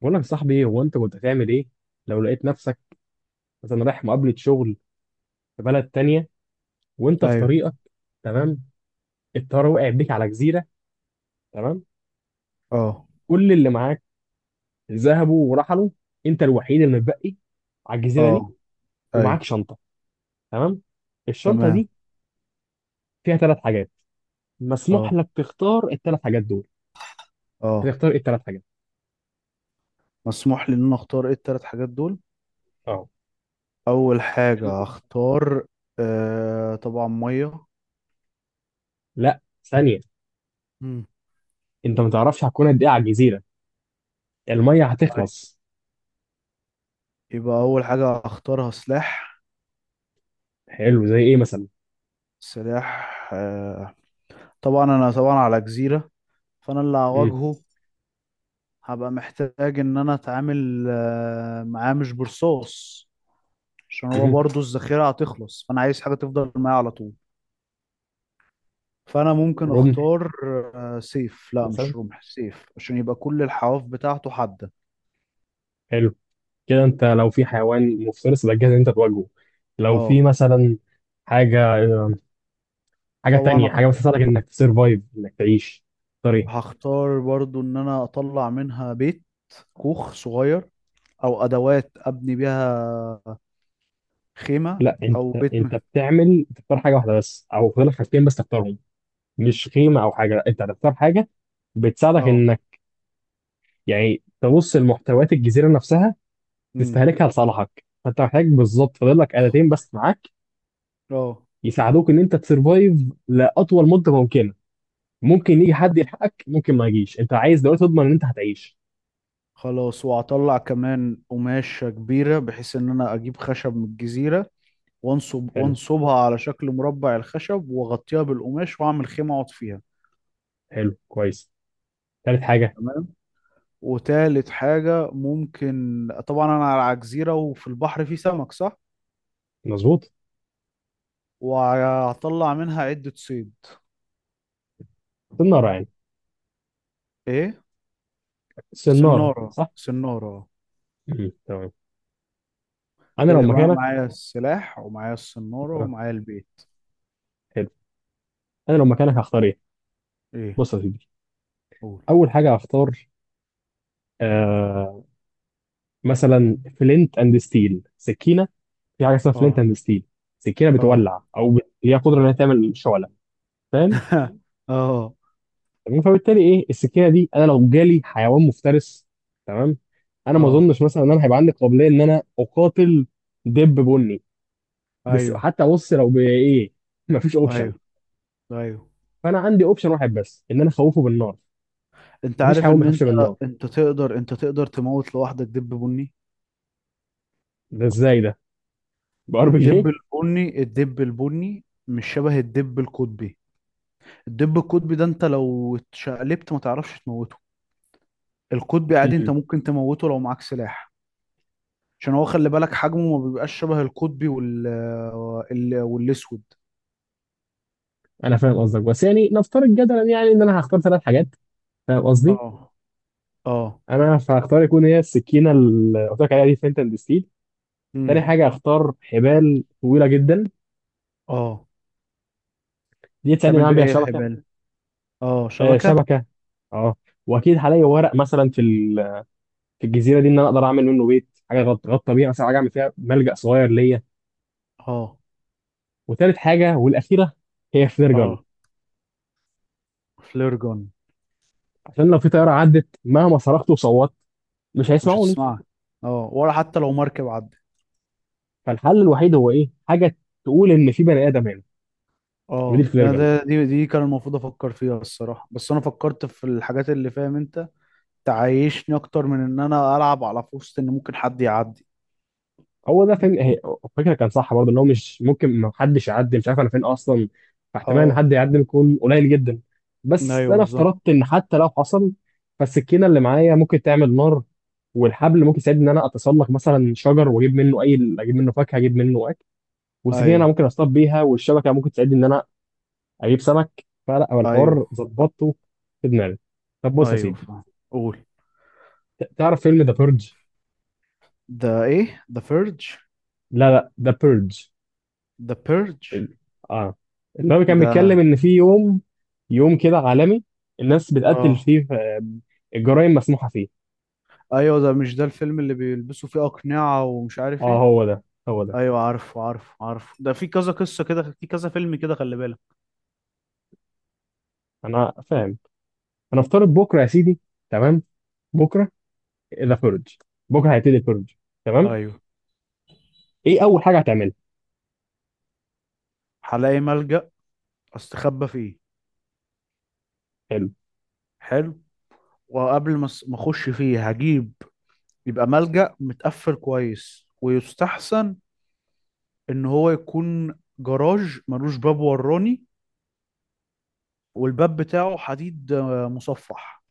بقول لك يا صاحبي، هو انت كنت هتعمل ايه لو لقيت نفسك مثلا رايح مقابلة شغل في بلد تانية وانت في ايوه. طريقك؟ تمام. الطيارة وقع بيك على جزيرة. تمام. اه. كل اللي معاك ذهبوا ورحلوا، انت الوحيد اللي متبقي على الجزيرة دي، اه. ومعاك ايوه. شنطة. تمام. الشنطة تمام. دي فيها ثلاث حاجات، مسموح اه. لك تختار الثلاث حاجات دول. اه. هتختار ايه الثلاث حاجات؟ مسموح لي ان انا اختار ايه التلات حاجات دول؟ اه. اول حاجة هختار، طبعا مية. لا، ثانية. مم. انت ما تعرفش هتكون قد ايه على الجزيرة، المية طيب، هتخلص. يبقى اول حاجة هختارها سلاح. حلو، زي ايه مثلا؟ سلاح، طبعا انا طبعا على جزيرة، فانا اللي مم. هواجهه هبقى محتاج ان انا اتعامل معاه مش برصاص، عشان هو مم. برضو الذخيرة هتخلص، فانا عايز حاجة تفضل معايا على طول. فانا ممكن رمح اختار سيف. لا مثلا. مش رمح، سيف، عشان يبقى كل الحواف بتاعته حادة. حلو. كده انت لو في حيوان مفترس يبقى جاهز ان انت تواجهه. لو في اه مثلا حاجه حاجه تانية، حاجه طبعا. بتساعدك انك تسرفايف، انك تعيش. طريق. هختار برضو ان انا اطلع منها بيت، كوخ صغير، او ادوات ابني بيها خيمة، لا، انت، او بيت. بتعمل تختار حاجه واحده بس، او فاضل لك حاجتين بس تختارهم. مش خيمه او حاجه، لا، انت هتختار حاجه بتساعدك اه. انك، يعني، تبص لمحتويات الجزيره نفسها، امم. تستهلكها لصالحك. فانت محتاج بالظبط، فاضل لك آلتين بس معاك اه. يساعدوك ان انت تسرفايف لاطول مده ممكنه. ممكن يجي حد يلحقك، ممكن ما يجيش، انت عايز دلوقتي تضمن ان انت هتعيش. خلاص. وهطلع كمان قماشة كبيرة بحيث ان انا اجيب خشب من الجزيرة، وانصب حلو. وانصبها على شكل مربع الخشب، واغطيها بالقماش، واعمل خيمة اقعد فيها. حلو، كويس. تالت حاجة. تمام. وتالت حاجة ممكن، طبعا أنا على جزيرة وفي البحر في سمك صح؟ مظبوط. وهطلع منها عدة صيد. سنارة يعني. إيه؟ سنارة سنارة صح؟ سنارة مم. تمام. أنا كده لو يبقى أنا مكانك. معايا السلاح ومعايا السنارة آه. ومعايا البيت. حلو. أنا لو مكانك هختار إيه؟ إيه؟ بص يا سيدي. قول. أول حاجة هختار، آه، مثلا فلنت أند ستيل، سكينة. في حاجة اسمها فلنت آه. أند ستيل، سكينة آه. بتولع، أو هي قدرة إنها تعمل شعلة. فاهم؟ آه. تمام، فبالتالي إيه السكينة دي؟ أنا لو جالي حيوان مفترس، تمام؟ أنا ما آه. أظنش مثلا إن أنا هيبقى عندي قابلية إن أنا أقاتل دب بني. بس أيوه. حتى بص، لو بايه، مفيش اوبشن. أيوه. أيوه. فانا عندي اوبشن واحد بس، ان انا اخوفه بالنار. أنت مفيش عارف حيوان إن بيخافش أنت بالنار. أنت تقدر تموت لوحدك دب بني؟ ده ازاي ده؟ بار بي جي. الدب البني مش شبه الدب القطبي. الدب القطبي ده انت لو اتشقلبت ما تعرفش تموته. القطبي عادي انت أمم. ممكن تموته لو معاك سلاح. عشان هو خلي بالك حجمه ما بيبقاش شبه القطبي والاسود. انا فاهم قصدك، بس يعني نفترض جدلا، يعني ان انا هختار ثلاث حاجات، فاهم قصدي. اه. اه. انا هختار يكون هي السكينه اللي قلت لك عليها دي، فلينت اند ستيل. تاني امم. حاجه هختار حبال طويله جدا، اه. دي تساعدني ان انا تعمل بيه اعمل بيها ايه يا شبكه. حبال؟ اه آه شبكة. شبكه، اه. واكيد هلاقي ورق مثلا في في الجزيره دي، ان انا اقدر اعمل منه بيت، حاجه غطى بيها مثلا، حاجه اعمل فيها ملجأ صغير ليا. اه. وتالت حاجه والاخيره، هي فلير جن. اه. فليرجون. عشان لو في طياره عدت، مهما صرخت وصوت، مش مش هيسمعوني. هتسمعك. اه، ولا حتى لو مركب عدى. فالحل الوحيد هو ايه، حاجه تقول ان في بني ادم هنا. ودي اه، الفلير ده جن. ده- دي دي كان المفروض افكر فيها الصراحة، بس انا فكرت في الحاجات اللي فاهم انت تعيشني اكتر من ان انا العب على في وسط ان ممكن حد يعدي. هو ده فين الفكره كان صح برضه، ان هو مش ممكن ما حدش يعدي، مش عارف انا فين اصلا، فاحتمال ان اه. حد يعدي يكون قليل جدا. بس ايوه انا بالظبط. افترضت ان حتى لو حصل، فالسكينه اللي معايا ممكن تعمل نار، والحبل ممكن يساعدني ان انا اتسلق مثلا شجر واجيب منه، اي، اجيب منه فاكهه، اجيب منه اكل. والسكينه انا ايوه. ممكن اصطاد بيها، والشبكه ممكن تساعدني ان انا اجيب سمك. فلا هو ايوه. الحوار ظبطته في دماغي. طب بص يا ايوه سيدي، فاهم. قول. تعرف فيلم ذا بيرج؟ ده ايه ده؟ فيرج؟ لا لا، ذا بيرج. ده بيرج؟ ال... اه. اللي هو كان بيتكلم ده. ان في يوم، يوم كده عالمي، الناس بتقتل اه. فيه، آه، الجرائم مسموحه فيه. ايوه، ده مش ده الفيلم اللي بيلبسوا فيه اقنعة ومش عارف اه ايه؟ هو ده، هو ده. ايوه عارفه عارفه عارفه، ده في كذا قصة كده، في كذا فيلم كده، خلي بالك. انا فاهم. هنفترض بكره يا سيدي. تمام. بكره ذا بيرج. بكره هيبتدي البيرج. تمام. ايوه. ايه اول حاجه هتعملها؟ هلاقي ملجأ، استخبى فيه. حلو، حلو. وقبل ما ما اخش فيه هجيب، يبقى ملجأ متقفل كويس، ويستحسن ان هو يكون جراج ملوش باب وراني، والباب بتاعه حديد، مصفح.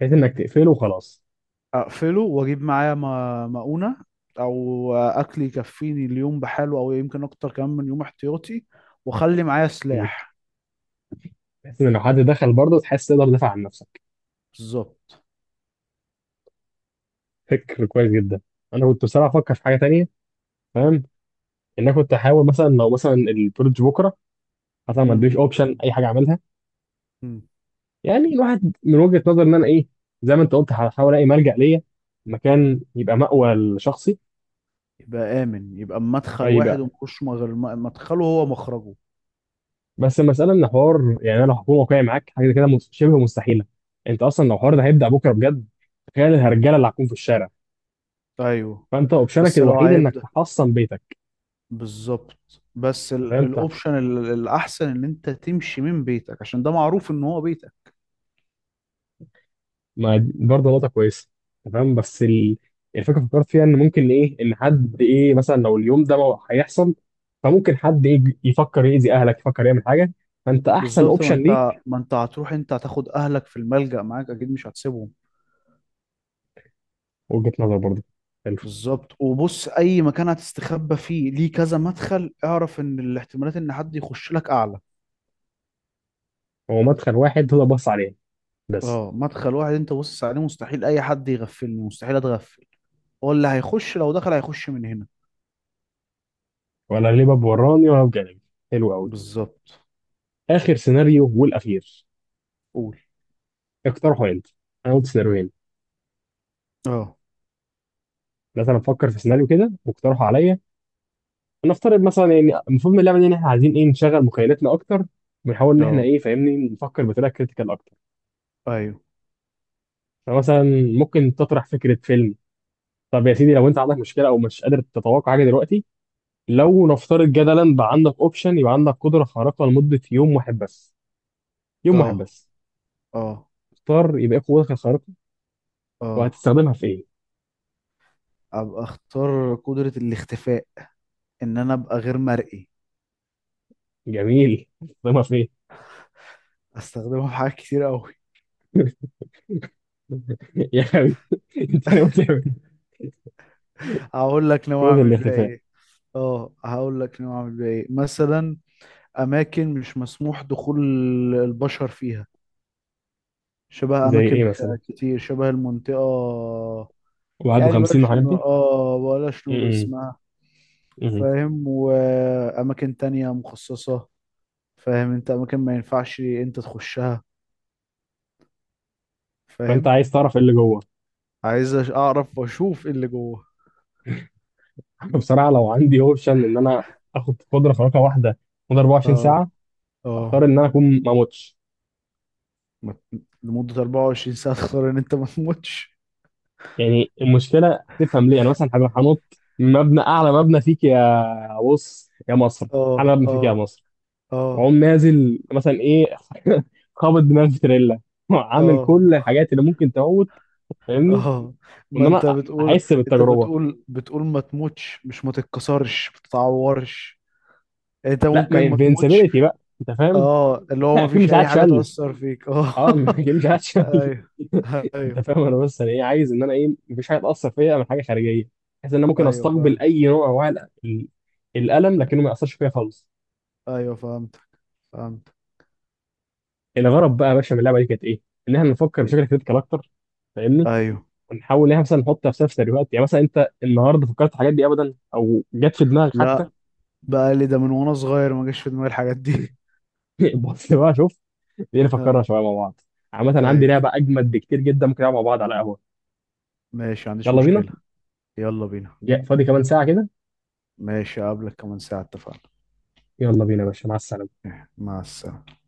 بحيث انك تقفله وخلاص. اقفله، واجيب معايا مؤونة، او اكل يكفيني اليوم بحاله، او يمكن اكتر كمان من يوم احتياطي. واخلي معايا مم. سلاح. بحيث ان لو حد دخل برضه تحس تقدر تدافع عن نفسك. بالظبط. فكر كويس جدا. انا كنت بصراحه افكر في حاجه تانية، فاهم؟ ان انا كنت احاول مثلا، لو مثلا البروج بكره، مثلا ما مم. اديش اوبشن اي حاجه اعملها. مم. يعني الواحد من وجهه نظر ان انا ايه، زي ما انت قلت، هحاول الاقي ملجأ ليا، مكان يبقى مأوى لشخصي. يبقى امن، يبقى مدخل اي واحد، بقى، ومخش غير مدخله هو مخرجه. بس المساله ان حوار، يعني انا لو هكون واقعي معاك، حاجه كده شبه مستحيله. انت اصلا لو الحوار ده هيبدأ بكره بجد، تخيل مم. الهرجله اللي هتكون في الشارع. ايوه. فانت اوبشنك بس لو الوحيد انك هيبدأ. تحصن بيتك. بالظبط، بس فاهم؟ الاوبشن الاحسن ان انت تمشي من بيتك، عشان ده معروف ان هو بيتك. ما دي برضه نقطة كويسة. تمام، بس الفكرة فكرت فيها إن ممكن إيه، إن حد إيه مثلا لو اليوم ده ما هيحصل، فممكن حد إيه يفكر يأذي أهلك، يفكر يعمل حاجة. فأنت أحسن بالظبط، ما أوبشن انت ليك. ما انت هتروح، انت هتاخد اهلك في الملجأ معاك اكيد، مش هتسيبهم. وجهة نظر برضه. حلو. بالظبط وبص، اي مكان هتستخبى فيه ليه كذا مدخل، اعرف ان الاحتمالات ان حد يخش لك اعلى. هو مدخل واحد تقدر تبص عليه بس، اه، مدخل واحد انت باصص عليه، مستحيل اي حد يغفلني، مستحيل اتغفل. هو اللي هيخش لو دخل هيخش من هنا. ولا ليه باب وراني، ولا بجانبي. حلو أوي. بالظبط. آخر سيناريو والأخير، قول. اقترحه أنت. أنا قلت سيناريوهين، اه. مثلا فكر في سيناريو كده واقترحه عليا. نفترض مثلا، يعني المفروض من اللعبه دي ان احنا عايزين ايه، نشغل مخيلتنا اكتر، ونحاول ان احنا اه. ايه، فاهمني، نفكر بطريقه كريتيكال اكتر. ايوه. فمثلا ممكن تطرح فكره فيلم. طب يا سيدي، لو انت عندك مشكله او مش قادر تتوقع حاجه دلوقتي، لو نفترض جدلا بقى عندك اوبشن، يبقى عندك قدره خارقه لمده يوم واحد بس، يوم واحد اه. بس. اه. اختار يبقى ايه قوتك الخارقه، اه. وهتستخدمها في ايه؟ ابقى اختار قدرة الاختفاء، ان انا ابقى غير مرئي. جميل، هتستخدمها في ايه؟ استخدمها في حاجات كتير قوي. يا حبيبي، انت ناوي تعمل إيه؟ هقول لك ناوي قوه اعمل بيها الاختفاء ايه. اه هقول لك نوع من ايه مثلا، اماكن مش مسموح دخول البشر فيها، شبه زي اماكن ايه مثلا؟ كتير، شبه المنطقه. يعني 51 وحاجات دي. بلاش نقول م- اسمها، م- م. فاهم؟ واماكن تانية مخصصه، فاهم انت، اماكن ما ينفعش انت تخشها، فانت فاهم. عايز تعرف ايه اللي جوه؟ عايز اعرف واشوف ايه اللي جوه. بصراحه لو عندي اوبشن ان انا اخد قدره خارقه واحده مدة 24 اه. ساعه، اختار اه. ان انا اكون ما اموتش. لمده 24 ساعه تختار ان انت ما تموتش. يعني المشكله، تفهم ليه، انا مثلا هبقى هنط من مبنى، اعلى مبنى فيك يا، بص يا مصر، اعلى اه. مبنى فيك يا اه. مصر، اه. واقوم نازل مثلا ايه، خابط دماغي في تريلا، عامل اه. كل الحاجات اللي ممكن تموت، فاهمني؟ اه. وان ما انت انا بتقول احس انت بالتجربه. بتقول بتقول ما تموتش، مش ما تتكسرش، ما تتعورش؟ يعني انت لا، ما ممكن ما تموتش. انفنسبيلتي بقى، انت فاهم. اه، اللي هو ما اكيد فيش مش اي حاجه هتشل. تاثر فيك، اه. اه ما مش عارف. ايوه. انت ايوه. فاهم، انا بس انا ايه، عايز ان انا ايه، مفيش حاجه تاثر فيا من حاجه خارجيه، بحيث ان انا ممكن ايوه استقبل فاهم. اي نوع من انواع الالم، لكنه ما ياثرش فيا خالص. ايوه فهمت. فهمت. الغرض بقى يا باشا من اللعبه دي كانت ايه؟ ان احنا نفكر بشكل كريتيكال اكتر، فاهمني؟ ايوه. ونحاول ان احنا مثلا نحط نفسنا في سيناريوهات، يعني مثلا انت النهارده فكرت في الحاجات دي ابدا، او جت في دماغك حتى؟ لا، بقى لي ده من وانا صغير ما جاش في دماغي الحاجات دي. بص بقى شوف، دي نفكرها اه. شويه مع بعض. عامه عندي ايوه لعبه اجمد بكتير جدا ممكن نلعبها مع بعض على قهوه. ماشي، ما عنديش يلا بينا. مشكله. يلا بينا. فاضي كمان ساعه كده. ماشي، اقابلك كمان ساعه، اتفقنا. يلا بينا يا باشا، مع السلامه. مع السلامه.